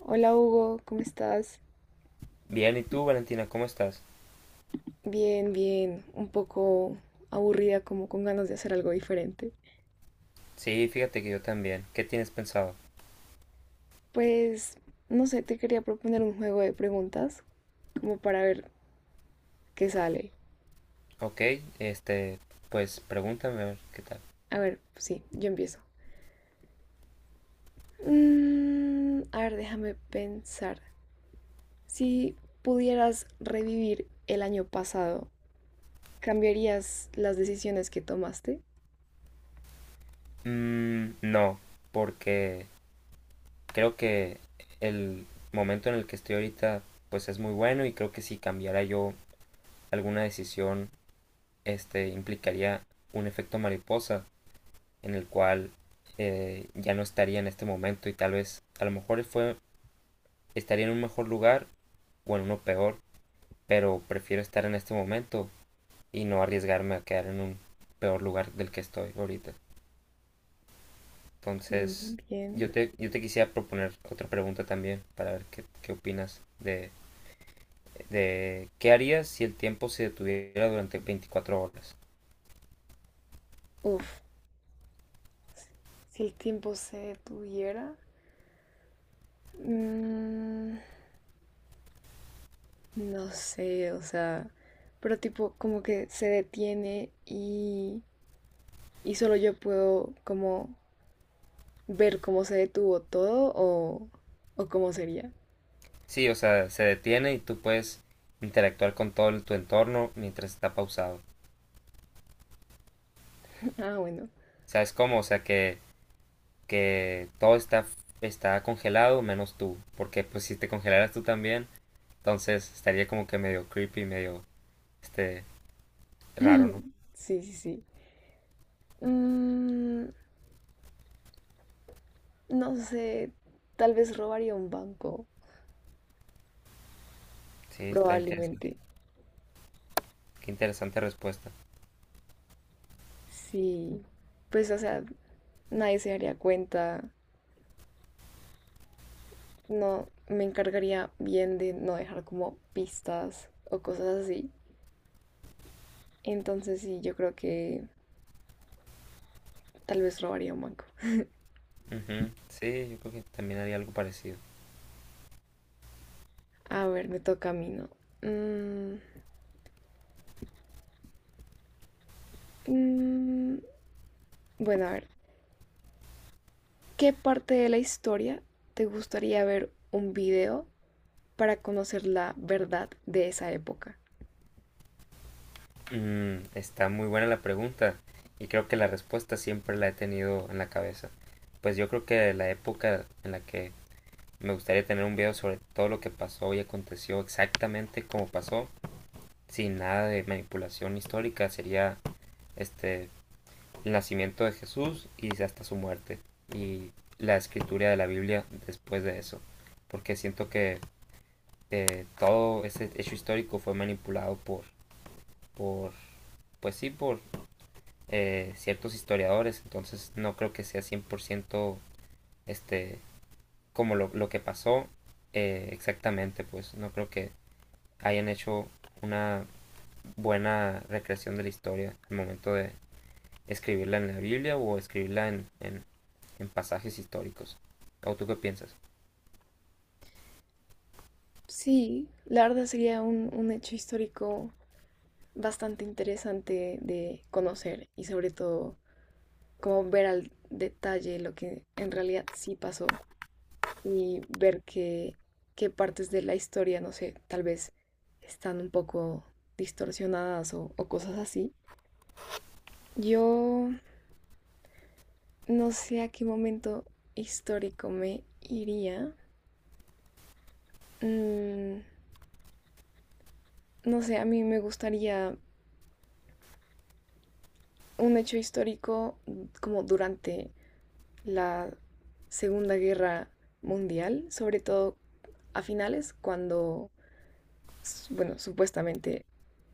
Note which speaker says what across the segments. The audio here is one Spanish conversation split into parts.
Speaker 1: Hola Hugo, ¿cómo estás?
Speaker 2: Bien, ¿y tú, Valentina, cómo estás?
Speaker 1: Bien, bien, un poco aburrida, como con ganas de hacer algo diferente.
Speaker 2: Sí, fíjate que yo también. ¿Qué tienes pensado?
Speaker 1: Pues, no sé, te quería proponer un juego de preguntas, como para ver qué sale.
Speaker 2: Ok, este, pues pregúntame a ver qué tal.
Speaker 1: A ver, sí, yo empiezo. A ver, déjame pensar. Si pudieras revivir el año pasado, ¿cambiarías las decisiones que tomaste?
Speaker 2: No, porque creo que el momento en el que estoy ahorita, pues es muy bueno y creo que si cambiara yo alguna decisión, implicaría un efecto mariposa en el cual ya no estaría en este momento y tal vez a lo mejor fue, estaría en un mejor lugar o en uno peor, pero prefiero estar en este momento y no arriesgarme a quedar en un peor lugar del que estoy ahorita. Entonces,
Speaker 1: Mm, bien.
Speaker 2: yo te quisiera proponer otra pregunta también para ver qué opinas de qué harías si el tiempo se detuviera durante 24 horas.
Speaker 1: Uf, si el tiempo se detuviera. mm, No sé, o sea, pero tipo como que se detiene y solo yo puedo como ver cómo se detuvo todo o cómo sería.
Speaker 2: Sí, o sea, se detiene y tú puedes interactuar con todo tu entorno mientras está pausado.
Speaker 1: Ah, bueno.
Speaker 2: ¿Sabes cómo? O sea, que todo está congelado menos tú. Porque pues si te congelaras tú también, entonces estaría como que medio creepy, medio este, raro, ¿no?
Speaker 1: Sí, sí, sí. Mm, no sé, tal vez robaría un banco,
Speaker 2: Sí, está interesante.
Speaker 1: probablemente.
Speaker 2: Qué interesante respuesta.
Speaker 1: Sí, pues o sea, nadie se daría cuenta. No, me encargaría bien de no dejar como pistas o cosas así. Entonces sí, yo creo que tal vez robaría un banco.
Speaker 2: Ujú, sí, yo creo que también haría algo parecido.
Speaker 1: A ver, me toca a mí, ¿no? Mm, mm, bueno, a ver, ¿qué parte de la historia te gustaría ver un video para conocer la verdad de esa época?
Speaker 2: Mm, está muy buena la pregunta y creo que la respuesta siempre la he tenido en la cabeza. Pues yo creo que la época en la que me gustaría tener un video sobre todo lo que pasó y aconteció exactamente como pasó, sin nada de manipulación histórica, sería este el nacimiento de Jesús y hasta su muerte y la escritura de la Biblia después de eso, porque siento que todo ese hecho histórico fue manipulado por pues sí, por ciertos historiadores, entonces no creo que sea 100% este, como lo que pasó exactamente, pues no creo que hayan hecho una buena recreación de la historia al momento de escribirla en la Biblia o escribirla en pasajes históricos. ¿O tú qué piensas?
Speaker 1: Sí, la verdad sería un hecho histórico bastante interesante de conocer y sobre todo como ver al detalle lo que en realidad sí pasó y ver qué partes de la historia, no sé, tal vez están un poco distorsionadas o cosas así. Yo no sé a qué momento histórico me iría. Mm, no sé, a mí me gustaría un hecho histórico como durante la Segunda Guerra Mundial, sobre todo a finales, cuando, bueno, supuestamente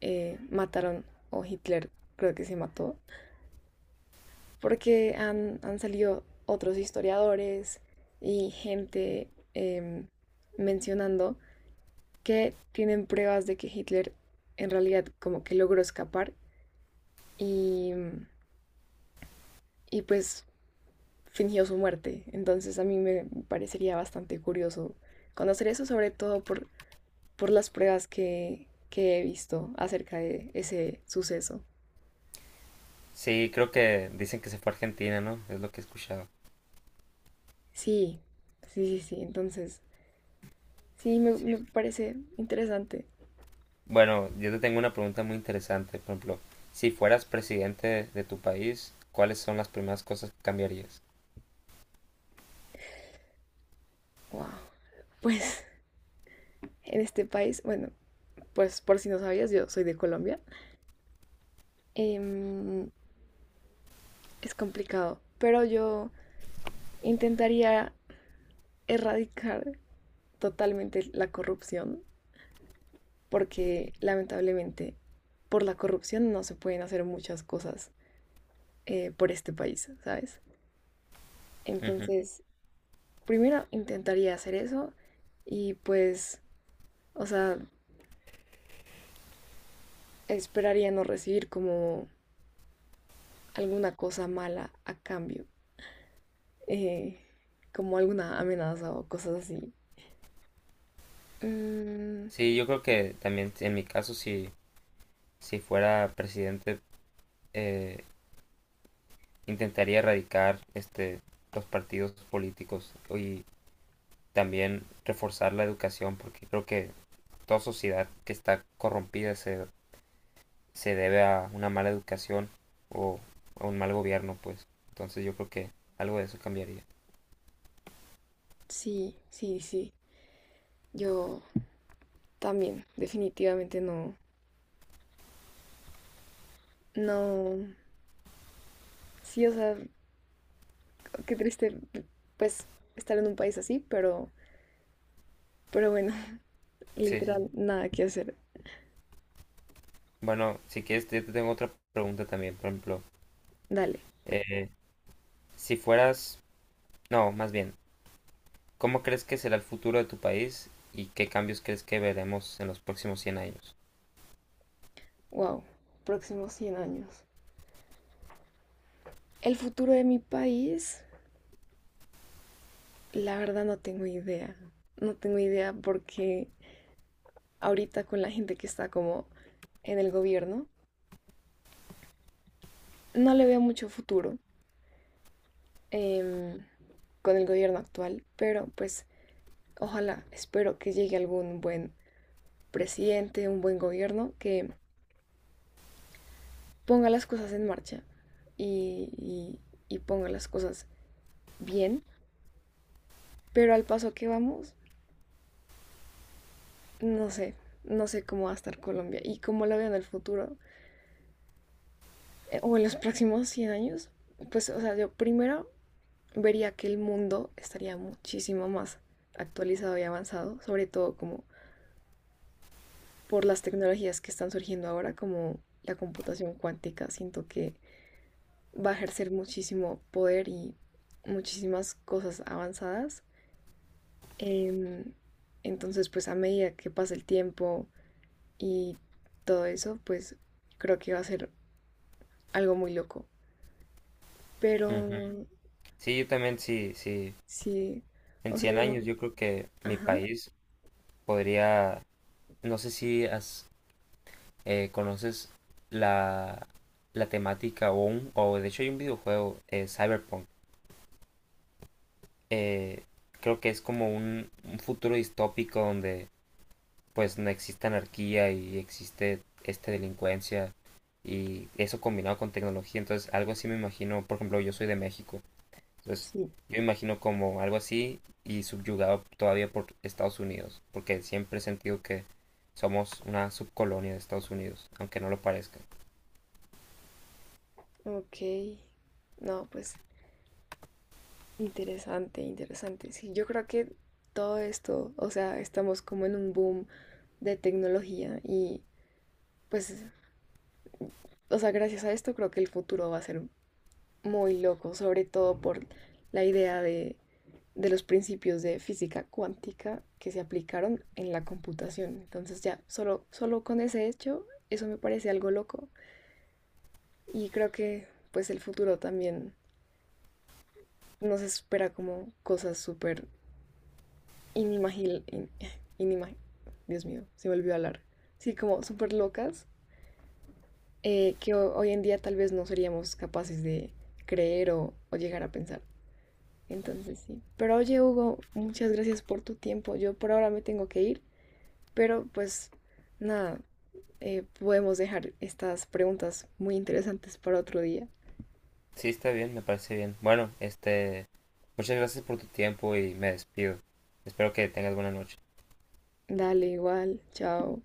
Speaker 1: mataron o Hitler creo que se mató porque han salido otros historiadores y gente mencionando que tienen pruebas de que Hitler en realidad como que logró escapar y, y pues fingió su muerte. Entonces a mí me parecería bastante curioso conocer eso, sobre todo por las pruebas que he visto acerca de ese suceso.
Speaker 2: Sí, creo que dicen que se fue a Argentina, ¿no? Es lo que he escuchado.
Speaker 1: Sí, sí, sí, sí. Entonces, sí, me parece interesante.
Speaker 2: Bueno, yo te tengo una pregunta muy interesante. Por ejemplo, si fueras presidente de tu país, ¿cuáles son las primeras cosas que cambiarías?
Speaker 1: Wow. Pues en este país, bueno, pues por si no sabías, yo soy de Colombia. Em, es complicado, pero yo intentaría erradicar totalmente la corrupción, porque lamentablemente por la corrupción no se pueden hacer muchas cosas por este país, ¿sabes?
Speaker 2: Ujú.
Speaker 1: Entonces, primero intentaría hacer eso y pues, o sea, esperaría no recibir como alguna cosa mala a cambio. eh, Como alguna amenaza o cosas así. Mm,
Speaker 2: Sí, yo creo que también en mi caso, si fuera presidente, eh, intentaría erradicar los partidos políticos y también reforzar la educación, porque creo que toda sociedad que está corrompida se debe a una mala educación o a un mal gobierno, pues. Entonces yo creo que algo de eso cambiaría.
Speaker 1: sí, sí, sí. Yo también, definitivamente no. No. Sí, o sea, qué triste, pues, estar en un país así, pero, bueno,
Speaker 2: Sí, sí.
Speaker 1: literal,
Speaker 2: sí.
Speaker 1: nada que hacer.
Speaker 2: Bueno, si quieres, yo te tengo otra pregunta también. Por ejemplo,
Speaker 1: Dale.
Speaker 2: eh, si fueras, no, más bien, ¿cómo crees que será el futuro de tu país y qué cambios crees que veremos en los próximos 100 años?
Speaker 1: Wow. Próximos 100 años. El futuro de mi país, la verdad no tengo idea. No tengo idea porque ahorita con la gente que está como en el gobierno, no le veo mucho futuro em, con el gobierno actual, pero pues ojalá, espero que llegue algún buen presidente, un buen gobierno que ponga las cosas en marcha y, y- y ponga las cosas bien, pero al paso que vamos, no sé, no sé cómo va a estar Colombia y cómo la veo en el futuro o en los próximos 100 años. Pues, o sea, yo primero vería que el mundo estaría muchísimo más actualizado y avanzado, sobre todo como por las tecnologías que están surgiendo ahora, como la computación cuántica, siento que va a ejercer muchísimo poder y muchísimas cosas avanzadas. Em, entonces, pues a medida que pasa el tiempo y todo eso, pues creo que va a ser algo muy loco. Pero
Speaker 2: Ujú. Sí, yo también, sí, sí.
Speaker 1: sí,
Speaker 2: En
Speaker 1: o sea,
Speaker 2: 100
Speaker 1: no.
Speaker 2: años yo creo que mi
Speaker 1: Ajá,
Speaker 2: país podría, no sé si has- conoces la, la temática o de hecho hay un videojuego, Cyberpunk. Eh, creo que es como un futuro distópico donde pues no existe anarquía y existe esta delincuencia y eso combinado con tecnología, entonces algo así me imagino, por ejemplo, yo soy de México, entonces
Speaker 1: sí.
Speaker 2: yo me imagino como algo así y subyugado todavía por Estados Unidos, porque siempre he sentido que somos una subcolonia de Estados Unidos, aunque no lo parezca.
Speaker 1: Ok. No, pues interesante, interesante. Sí, yo creo que todo esto, o sea, estamos como en un boom de tecnología y pues, o sea, gracias a esto creo que el futuro va a ser muy loco, sobre todo por la idea de los principios de física cuántica que se aplicaron en la computación. Entonces ya, solo, solo con ese hecho, eso me parece algo loco y creo que pues el futuro también nos espera como cosas súper inimaginables. Inimag- Dios mío, se me olvidó hablar. Sí, como súper locas que hoy en día tal vez no seríamos capaces de creer o llegar a pensar. Entonces sí. Pero oye, Hugo, muchas gracias por tu tiempo. Yo por ahora me tengo que ir, pero pues nada, podemos dejar estas preguntas muy interesantes para otro día.
Speaker 2: Sí, está bien, me parece bien. Bueno, muchas gracias por tu tiempo y me despido. Espero que tengas buena noche.
Speaker 1: Dale, igual, chao.